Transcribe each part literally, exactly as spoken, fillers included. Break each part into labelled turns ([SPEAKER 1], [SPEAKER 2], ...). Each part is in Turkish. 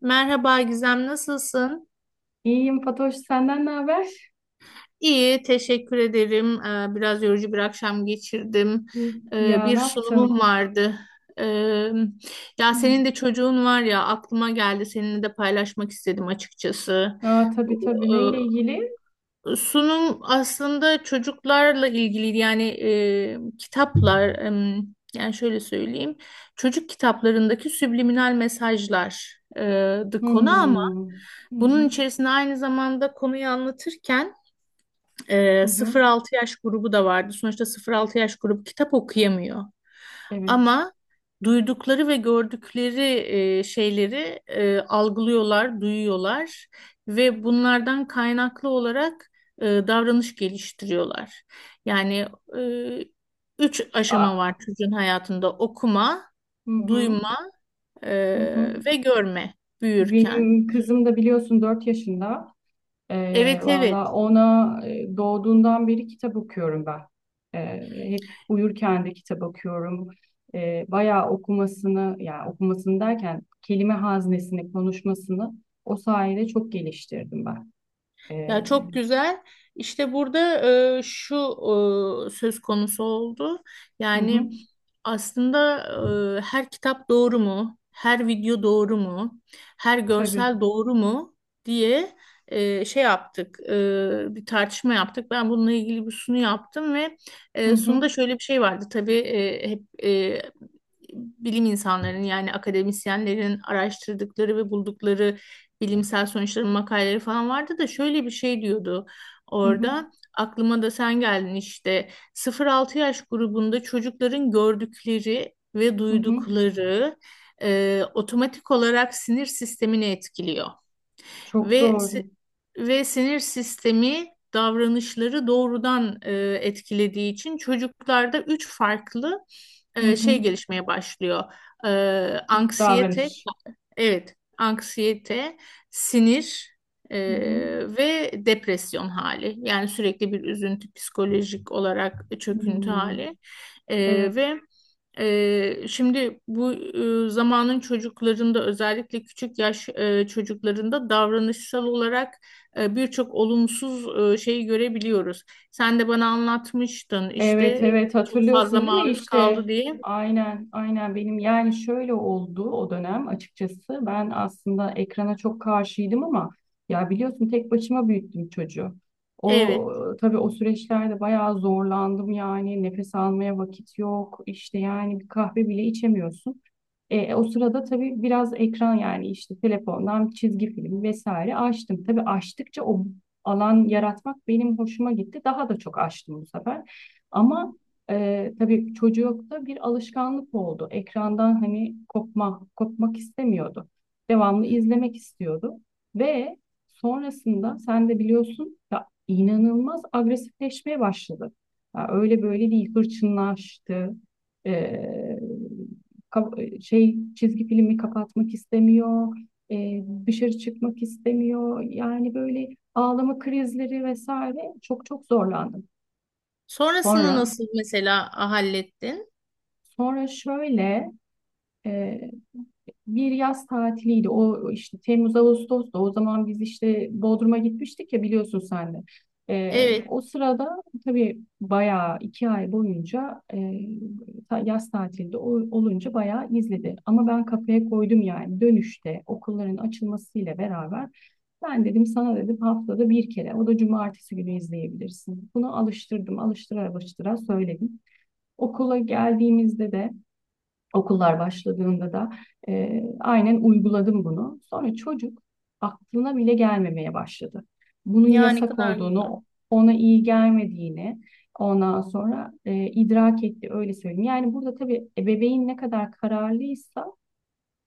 [SPEAKER 1] Merhaba Gizem, nasılsın?
[SPEAKER 2] İyiyim Fatoş, senden ne haber?
[SPEAKER 1] İyi, teşekkür ederim. Ee, Biraz yorucu bir akşam geçirdim.
[SPEAKER 2] İyi.
[SPEAKER 1] Ee,
[SPEAKER 2] Ya
[SPEAKER 1] Bir
[SPEAKER 2] ne
[SPEAKER 1] sunumum
[SPEAKER 2] yaptın?
[SPEAKER 1] vardı. Ee, Ya senin
[SPEAKER 2] Hmm.
[SPEAKER 1] de çocuğun var ya, aklıma geldi. Seninle de paylaşmak istedim açıkçası.
[SPEAKER 2] Aa, tabii
[SPEAKER 1] Bu,
[SPEAKER 2] tabii neyle ilgili?
[SPEAKER 1] e, sunum aslında çocuklarla ilgiliydi. Yani e, kitaplar, e, yani şöyle söyleyeyim. Çocuk kitaplarındaki subliminal mesajlardı konu.
[SPEAKER 2] Hmm. Hı hı.
[SPEAKER 1] Bunun içerisinde aynı zamanda konuyu anlatırken
[SPEAKER 2] Hı
[SPEAKER 1] e,
[SPEAKER 2] hı.
[SPEAKER 1] sıfır altı yaş grubu da vardı. Sonuçta sıfır altı yaş grubu kitap okuyamıyor.
[SPEAKER 2] Evet.
[SPEAKER 1] Ama duydukları ve gördükleri e, şeyleri e, algılıyorlar, duyuyorlar ve bunlardan kaynaklı olarak e, davranış geliştiriyorlar. Yani e, üç aşama
[SPEAKER 2] Aa,
[SPEAKER 1] var çocuğun hayatında: okuma,
[SPEAKER 2] hı hı.
[SPEAKER 1] duyma e,
[SPEAKER 2] Hı hı.
[SPEAKER 1] ve görme büyürken.
[SPEAKER 2] Benim kızım da biliyorsun dört yaşında. Ee,
[SPEAKER 1] Evet, evet.
[SPEAKER 2] valla ona e, doğduğundan beri kitap okuyorum ben. Ee, hep uyurken de kitap okuyorum. Ee, bayağı okumasını, yani okumasını derken kelime haznesini, konuşmasını o sayede çok geliştirdim ben. Ee,
[SPEAKER 1] Ya çok güzel. İşte burada e, şu e, söz konusu oldu.
[SPEAKER 2] hı hı,
[SPEAKER 1] Yani aslında e, her kitap doğru mu? Her video doğru mu? Her görsel
[SPEAKER 2] tabii.
[SPEAKER 1] doğru mu? Diye e, şey yaptık. E, bir tartışma yaptık. Ben bununla ilgili bir sunu yaptım ve
[SPEAKER 2] Hı
[SPEAKER 1] e,
[SPEAKER 2] hı,
[SPEAKER 1] sunuda şöyle bir şey vardı. Tabii e, hep e, bilim insanlarının yani akademisyenlerin araştırdıkları ve buldukları bilimsel sonuçların makaleleri falan vardı da şöyle bir şey diyordu
[SPEAKER 2] hı hı,
[SPEAKER 1] orada. Aklıma da sen geldin işte, sıfır altı yaş grubunda çocukların gördükleri ve
[SPEAKER 2] hı hı.
[SPEAKER 1] duydukları e, otomatik olarak sinir sistemini etkiliyor.
[SPEAKER 2] Çok
[SPEAKER 1] Ve si-
[SPEAKER 2] doğru.
[SPEAKER 1] ve sinir sistemi davranışları doğrudan e, etkilediği için çocuklarda üç farklı
[SPEAKER 2] Hı
[SPEAKER 1] e,
[SPEAKER 2] hı.
[SPEAKER 1] şey gelişmeye başlıyor. E, Anksiyete.
[SPEAKER 2] Davranış.
[SPEAKER 1] Evet, anksiyete, sinir, e,
[SPEAKER 2] Hı hı.
[SPEAKER 1] ve depresyon hali. Yani sürekli bir üzüntü, psikolojik olarak çöküntü
[SPEAKER 2] Hmm,
[SPEAKER 1] hali. E,
[SPEAKER 2] Evet.
[SPEAKER 1] Ve e, şimdi bu e, zamanın çocuklarında, özellikle küçük yaş e, çocuklarında davranışsal olarak e, birçok olumsuz e, şeyi görebiliyoruz. Sen de bana anlatmıştın işte,
[SPEAKER 2] Evet,
[SPEAKER 1] e,
[SPEAKER 2] evet.
[SPEAKER 1] çok fazla
[SPEAKER 2] Hatırlıyorsun değil mi
[SPEAKER 1] maruz
[SPEAKER 2] işte?
[SPEAKER 1] kaldı diye.
[SPEAKER 2] Aynen, aynen. Benim yani şöyle oldu o dönem açıkçası. Ben aslında ekrana çok karşıydım ama ya biliyorsun tek başıma büyüttüm çocuğu. O
[SPEAKER 1] Evet.
[SPEAKER 2] tabii o süreçlerde bayağı zorlandım, yani nefes almaya vakit yok işte, yani bir kahve bile içemiyorsun. E, o sırada tabii biraz ekran, yani işte telefondan çizgi film vesaire açtım. Tabii açtıkça o alan yaratmak benim hoşuma gitti. Daha da çok açtım bu sefer. Ama e, tabii çocukta bir alışkanlık oldu. Ekrandan hani kopma, kopmak istemiyordu. Devamlı izlemek istiyordu. Ve sonrasında sen de biliyorsun ya, inanılmaz agresifleşmeye başladı. Ya öyle böyle değil, hırçınlaştı. E, ka- Şey, çizgi filmi kapatmak istemiyor, e, dışarı çıkmak istemiyor. Yani böyle ağlama krizleri vesaire, çok çok zorlandım.
[SPEAKER 1] Sonrasını
[SPEAKER 2] Sonra
[SPEAKER 1] nasıl mesela hallettin?
[SPEAKER 2] sonra şöyle, e, bir yaz tatiliydi. O işte Temmuz Ağustos'ta, o zaman biz işte Bodrum'a gitmiştik ya, biliyorsun sen de. Ee,
[SPEAKER 1] Evet,
[SPEAKER 2] o sırada tabii bayağı iki ay boyunca e, ta- yaz tatilde o- olunca bayağı izledi. Ama ben kafaya koydum, yani dönüşte okulların açılmasıyla beraber ben dedim, sana dedim haftada bir kere, o da cumartesi günü izleyebilirsin. Bunu alıştırdım, alıştıra alıştıra söyledim. Okula geldiğimizde de, okullar başladığında da e, aynen uyguladım bunu. Sonra çocuk aklına bile gelmemeye başladı. Bunun
[SPEAKER 1] yani ne
[SPEAKER 2] yasak
[SPEAKER 1] kadar güzel.
[SPEAKER 2] olduğunu, ona iyi gelmediğini ondan sonra e, idrak etti, öyle söyleyeyim. Yani burada tabii ebeveyn ne kadar kararlıysa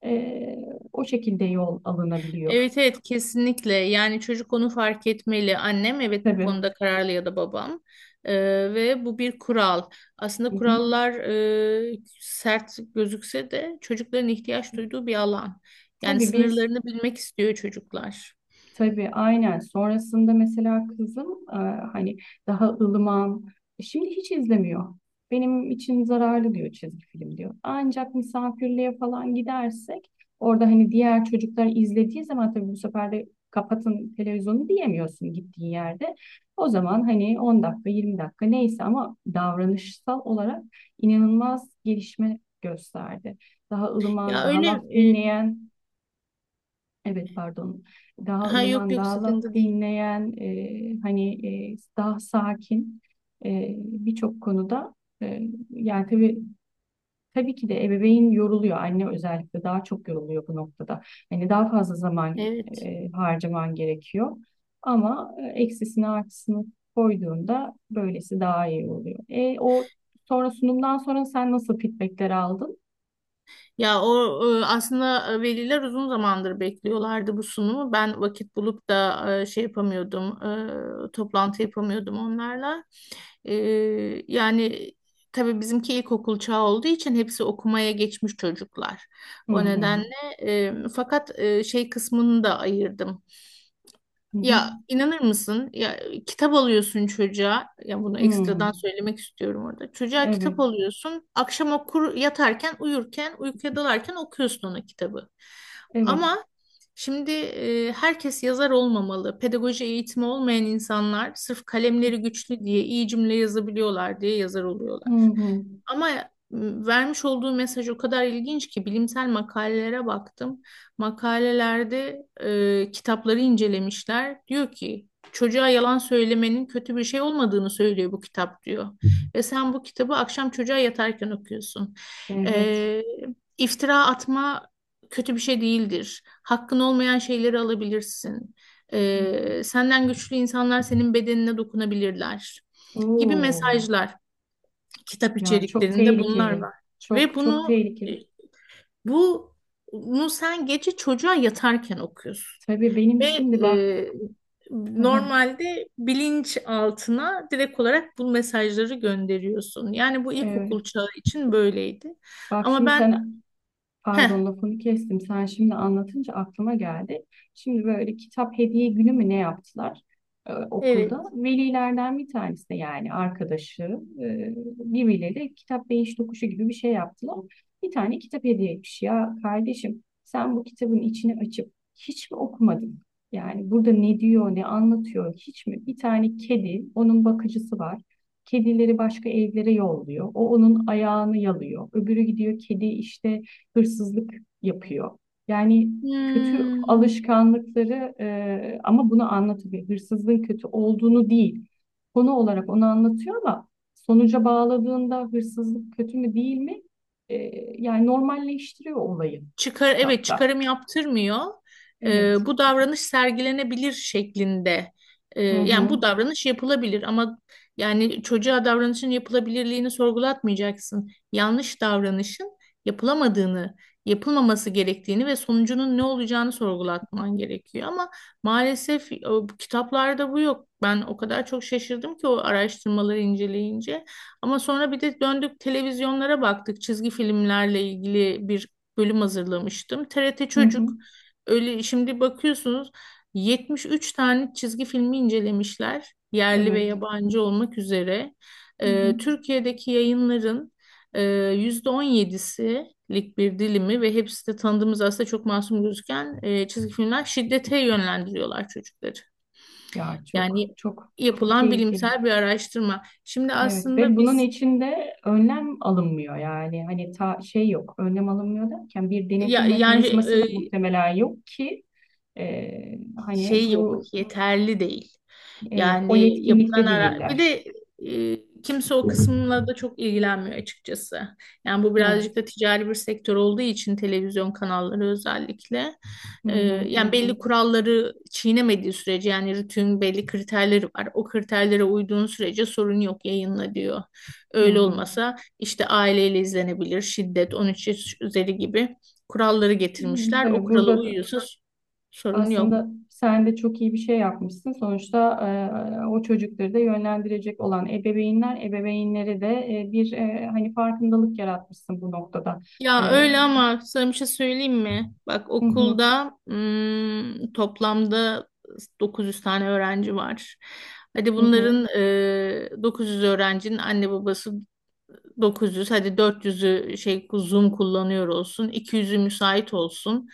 [SPEAKER 2] e, o şekilde yol alınabiliyor.
[SPEAKER 1] Evet, evet, kesinlikle yani çocuk onu fark etmeli. Annem, evet, bu
[SPEAKER 2] Tabii.
[SPEAKER 1] konuda kararlı, ya da babam. Ee, Ve bu bir kural. Aslında
[SPEAKER 2] Hı hı.
[SPEAKER 1] kurallar e, sert gözükse de çocukların ihtiyaç duyduğu bir alan. Yani
[SPEAKER 2] Tabii biz
[SPEAKER 1] sınırlarını bilmek istiyor çocuklar.
[SPEAKER 2] Tabii aynen. Sonrasında mesela kızım e, hani daha ılıman. e, Şimdi hiç izlemiyor. Benim için zararlı diyor, çizgi film diyor. Ancak misafirliğe falan gidersek, orada hani diğer çocuklar izlediği zaman tabii, bu sefer de kapatın televizyonu diyemiyorsun gittiğin yerde. O zaman hani on dakika yirmi dakika neyse, ama davranışsal olarak inanılmaz gelişme gösterdi. Daha ılıman,
[SPEAKER 1] Ya
[SPEAKER 2] daha
[SPEAKER 1] öyle,
[SPEAKER 2] laf
[SPEAKER 1] e,
[SPEAKER 2] dinleyen. Evet, pardon. Daha
[SPEAKER 1] ha yok
[SPEAKER 2] ılıman,
[SPEAKER 1] yok,
[SPEAKER 2] daha laf
[SPEAKER 1] sıkıntı değil.
[SPEAKER 2] dinleyen, e, hani e, daha sakin e, birçok konuda. E, Yani tabii, tabii ki de ebeveyn yoruluyor. Anne özellikle daha çok yoruluyor bu noktada. Hani daha fazla zaman
[SPEAKER 1] Evet.
[SPEAKER 2] e, harcaman gerekiyor. Ama e, eksisini artısını koyduğunda böylesi daha iyi oluyor. E, o Sonra, sunumdan sonra sen nasıl feedbackler aldın?
[SPEAKER 1] Ya o e, aslında e, veliler uzun zamandır bekliyorlardı bu sunumu. Ben vakit bulup da e, şey yapamıyordum, e, toplantı yapamıyordum onlarla. E, Yani tabii bizimki ilkokul çağı olduğu için hepsi okumaya geçmiş çocuklar.
[SPEAKER 2] Hı
[SPEAKER 1] O
[SPEAKER 2] hı.
[SPEAKER 1] nedenle e, fakat e, şey kısmını da ayırdım.
[SPEAKER 2] Hı hı.
[SPEAKER 1] Ya inanır mısın? Ya kitap alıyorsun çocuğa. Ya bunu
[SPEAKER 2] Hı.
[SPEAKER 1] ekstradan söylemek istiyorum orada. Çocuğa kitap
[SPEAKER 2] Evet.
[SPEAKER 1] alıyorsun. Akşam okur yatarken, uyurken, uykuya dalarken okuyorsun ona kitabı.
[SPEAKER 2] Evet.
[SPEAKER 1] Ama şimdi e, herkes yazar olmamalı. Pedagoji eğitimi olmayan insanlar sırf kalemleri güçlü diye, iyi cümle yazabiliyorlar diye yazar
[SPEAKER 2] Hı
[SPEAKER 1] oluyorlar.
[SPEAKER 2] hı.
[SPEAKER 1] Ama m, vermiş olduğu mesaj o kadar ilginç ki, bilimsel makalelere baktım, makalelerde e, kitapları incelemişler. Diyor ki, çocuğa yalan söylemenin kötü bir şey olmadığını söylüyor bu kitap, diyor. Ve sen bu kitabı akşam çocuğa yatarken okuyorsun.
[SPEAKER 2] Evet.
[SPEAKER 1] E, iftira atma kötü bir şey değildir. Hakkın olmayan şeyleri alabilirsin.
[SPEAKER 2] Hı hı.
[SPEAKER 1] E, senden güçlü insanlar senin bedenine dokunabilirler gibi
[SPEAKER 2] Oo,
[SPEAKER 1] mesajlar. Kitap
[SPEAKER 2] ya çok
[SPEAKER 1] içeriklerinde bunlar
[SPEAKER 2] tehlikeli.
[SPEAKER 1] var. Ve
[SPEAKER 2] Çok çok
[SPEAKER 1] bunu e,
[SPEAKER 2] tehlikeli.
[SPEAKER 1] bu bunu sen gece çocuğa yatarken okuyorsun.
[SPEAKER 2] Tabii benim
[SPEAKER 1] Ve
[SPEAKER 2] şimdi bak.
[SPEAKER 1] e,
[SPEAKER 2] Hı hı.
[SPEAKER 1] normalde bilinç altına direkt olarak bu mesajları gönderiyorsun. Yani bu
[SPEAKER 2] Evet.
[SPEAKER 1] ilkokul çağı için böyleydi.
[SPEAKER 2] Bak
[SPEAKER 1] Ama
[SPEAKER 2] şimdi
[SPEAKER 1] ben,
[SPEAKER 2] sen
[SPEAKER 1] heh,
[SPEAKER 2] Pardon, lafını kestim. Sen şimdi anlatınca aklıma geldi. Şimdi böyle kitap hediye günü mü ne yaptılar e,
[SPEAKER 1] evet.
[SPEAKER 2] okulda? Velilerden bir tanesi de, yani arkadaşı e, birbirleri kitap beyiş tokuşu gibi bir şey yaptılar. Bir tane kitap hediye etmiş. Ya kardeşim, sen bu kitabın içini açıp hiç mi okumadın? Yani burada ne diyor, ne anlatıyor hiç mi? Bir tane kedi, onun bakıcısı var. Kedileri başka evlere yolluyor. O onun ayağını yalıyor. Öbürü gidiyor, kedi işte hırsızlık yapıyor. Yani kötü
[SPEAKER 1] Hmm.
[SPEAKER 2] alışkanlıkları, e, ama bunu anlatıyor. Hırsızlığın kötü olduğunu değil, konu olarak onu anlatıyor, ama sonuca bağladığında hırsızlık kötü mü değil mi? E, Yani normalleştiriyor olayı
[SPEAKER 1] Çıkar evet,
[SPEAKER 2] kitapta.
[SPEAKER 1] çıkarım yaptırmıyor.
[SPEAKER 2] Evet.
[SPEAKER 1] Ee, bu davranış sergilenebilir şeklinde. Ee,
[SPEAKER 2] Hı
[SPEAKER 1] yani
[SPEAKER 2] hı.
[SPEAKER 1] bu davranış yapılabilir, ama yani çocuğa davranışın yapılabilirliğini sorgulatmayacaksın. Yanlış davranışın yapılamadığını, yapılmaması gerektiğini ve sonucunun ne olacağını sorgulatman gerekiyor. Ama maalesef e, bu kitaplarda bu yok. Ben o kadar çok şaşırdım ki o araştırmaları inceleyince. Ama sonra bir de döndük televizyonlara baktık. Çizgi filmlerle ilgili bir bölüm hazırlamıştım. T R T
[SPEAKER 2] Hı hı.
[SPEAKER 1] Çocuk, öyle şimdi bakıyorsunuz, yetmiş üç tane çizgi filmi incelemişler. Yerli ve
[SPEAKER 2] Evet.
[SPEAKER 1] yabancı olmak üzere.
[SPEAKER 2] Hı hı.
[SPEAKER 1] Ee, Türkiye'deki yayınların e, yüzde on yedilik bir dilimi, ve hepsi de tanıdığımız aslında çok masum gözüken e, çizgi filmler şiddete yönlendiriyorlar çocukları.
[SPEAKER 2] Ya,
[SPEAKER 1] Yani
[SPEAKER 2] çok çok çok
[SPEAKER 1] yapılan
[SPEAKER 2] tehlikeli.
[SPEAKER 1] bilimsel bir araştırma. Şimdi
[SPEAKER 2] Evet, ve
[SPEAKER 1] aslında
[SPEAKER 2] bunun
[SPEAKER 1] biz,
[SPEAKER 2] içinde önlem alınmıyor, yani hani ta şey yok, önlem alınmıyor derken bir
[SPEAKER 1] ya,
[SPEAKER 2] denetim
[SPEAKER 1] yani
[SPEAKER 2] mekanizması da muhtemelen yok ki e, hani
[SPEAKER 1] şey yok,
[SPEAKER 2] bu,
[SPEAKER 1] yeterli değil.
[SPEAKER 2] evet, o
[SPEAKER 1] Yani yapılan
[SPEAKER 2] yetkinlikte
[SPEAKER 1] ara, bir
[SPEAKER 2] değiller.
[SPEAKER 1] de e, kimse o kısımla da çok ilgilenmiyor açıkçası. Yani bu birazcık
[SPEAKER 2] Evet.
[SPEAKER 1] da ticari bir sektör olduğu için televizyon kanalları özellikle
[SPEAKER 2] Hı
[SPEAKER 1] e,
[SPEAKER 2] hı, hı
[SPEAKER 1] yani
[SPEAKER 2] hı,
[SPEAKER 1] belli kuralları çiğnemediği sürece, yani RTÜK'ün belli kriterleri var. O kriterlere uyduğun sürece sorun yok, yayınla diyor.
[SPEAKER 2] hı
[SPEAKER 1] Öyle
[SPEAKER 2] hı.
[SPEAKER 1] olmasa, işte aileyle izlenebilir, şiddet on üç yaş üzeri gibi kuralları
[SPEAKER 2] Hı,
[SPEAKER 1] getirmişler. O
[SPEAKER 2] tabii
[SPEAKER 1] kurala
[SPEAKER 2] burada da
[SPEAKER 1] uyuyorsa sorun yok.
[SPEAKER 2] aslında sen de çok iyi bir şey yapmışsın. Sonuçta e, o çocukları da yönlendirecek olan ebeveynler, ebeveynleri de e, bir, e, hani farkındalık yaratmışsın bu noktada.
[SPEAKER 1] Ya
[SPEAKER 2] E,
[SPEAKER 1] öyle, ama sana bir şey söyleyeyim mi? Bak,
[SPEAKER 2] hı hı,
[SPEAKER 1] okulda, hmm, toplamda dokuz yüz tane öğrenci var. Hadi
[SPEAKER 2] hı hı.
[SPEAKER 1] bunların, e, dokuz yüz öğrencinin anne babası, dokuz yüz. Hadi dört yüzü şey Zoom kullanıyor olsun. iki yüzü müsait olsun.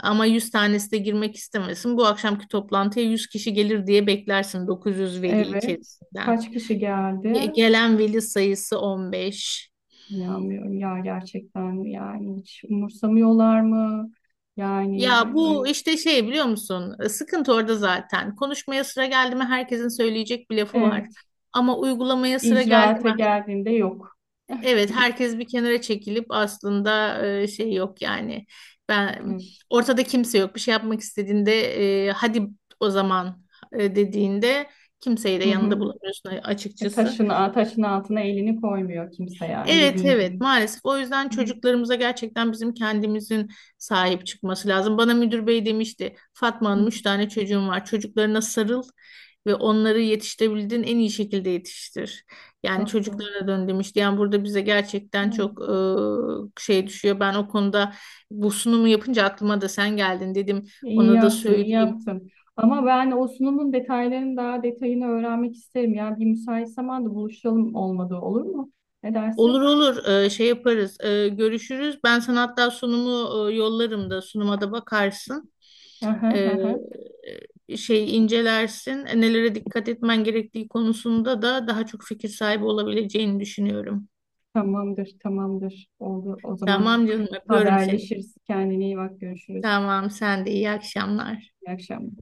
[SPEAKER 1] Ama yüz tanesi de girmek istemesin. Bu akşamki toplantıya yüz kişi gelir diye beklersin dokuz yüz veli
[SPEAKER 2] Evet.
[SPEAKER 1] içerisinden.
[SPEAKER 2] Kaç kişi geldi?
[SPEAKER 1] Ge- Gelen veli sayısı on beş.
[SPEAKER 2] İnanmıyorum ya, gerçekten yani hiç umursamıyorlar mı? Yani,
[SPEAKER 1] Ya bu
[SPEAKER 2] ön-
[SPEAKER 1] işte şey, biliyor musun? E, Sıkıntı orada zaten. Konuşmaya sıra geldi mi, herkesin söyleyecek bir lafı var.
[SPEAKER 2] evet,
[SPEAKER 1] Ama uygulamaya sıra geldi
[SPEAKER 2] icraate
[SPEAKER 1] mi?
[SPEAKER 2] geldiğinde yok.
[SPEAKER 1] Evet, herkes bir kenara çekilip, aslında e, şey yok yani. Ben,
[SPEAKER 2] Evet.
[SPEAKER 1] ortada kimse yok. Bir şey yapmak istediğinde e, hadi o zaman e, dediğinde, kimseyi de
[SPEAKER 2] Hı
[SPEAKER 1] yanında
[SPEAKER 2] hı.
[SPEAKER 1] bulamıyorsun
[SPEAKER 2] E,
[SPEAKER 1] açıkçası.
[SPEAKER 2] taşın, taşın altına elini koymuyor kimse, yani
[SPEAKER 1] Evet,
[SPEAKER 2] dediğin
[SPEAKER 1] evet,
[SPEAKER 2] gibi.
[SPEAKER 1] maalesef, o yüzden
[SPEAKER 2] Hı hı.
[SPEAKER 1] çocuklarımıza gerçekten bizim kendimizin sahip çıkması lazım. Bana müdür bey demişti: Fatma
[SPEAKER 2] Hı hı.
[SPEAKER 1] Hanım, üç tane çocuğum var, çocuklarına sarıl ve onları yetiştirebildiğin en iyi şekilde yetiştir. Yani
[SPEAKER 2] Çok da.
[SPEAKER 1] çocuklara dön, demişti. Yani burada bize gerçekten
[SPEAKER 2] Hı.
[SPEAKER 1] çok e, şey düşüyor. Ben o konuda, bu sunumu yapınca aklıma da sen geldin, dedim
[SPEAKER 2] İyi
[SPEAKER 1] ona da
[SPEAKER 2] yaptın, iyi
[SPEAKER 1] söyleyeyim.
[SPEAKER 2] yaptın. Ama ben o sunumun detaylarını, daha detayını öğrenmek isterim. Yani bir müsait zamanda buluşalım, olmadı olur mu? Ne
[SPEAKER 1] Olur,
[SPEAKER 2] dersin?
[SPEAKER 1] olur. Ee, şey yaparız. Ee, görüşürüz. Ben sana hatta sunumu e, yollarım da sunuma da bakarsın.
[SPEAKER 2] Hı hı, hı
[SPEAKER 1] Ee,
[SPEAKER 2] hı.
[SPEAKER 1] e, Şey incelersin. E, nelere dikkat etmen gerektiği konusunda da daha çok fikir sahibi olabileceğini düşünüyorum.
[SPEAKER 2] Tamamdır, tamamdır. Oldu. O zaman
[SPEAKER 1] Tamam canım, öpüyorum seni.
[SPEAKER 2] haberleşiriz. Kendine iyi bak. Görüşürüz.
[SPEAKER 1] Tamam, sen de iyi akşamlar.
[SPEAKER 2] İyi akşamlar.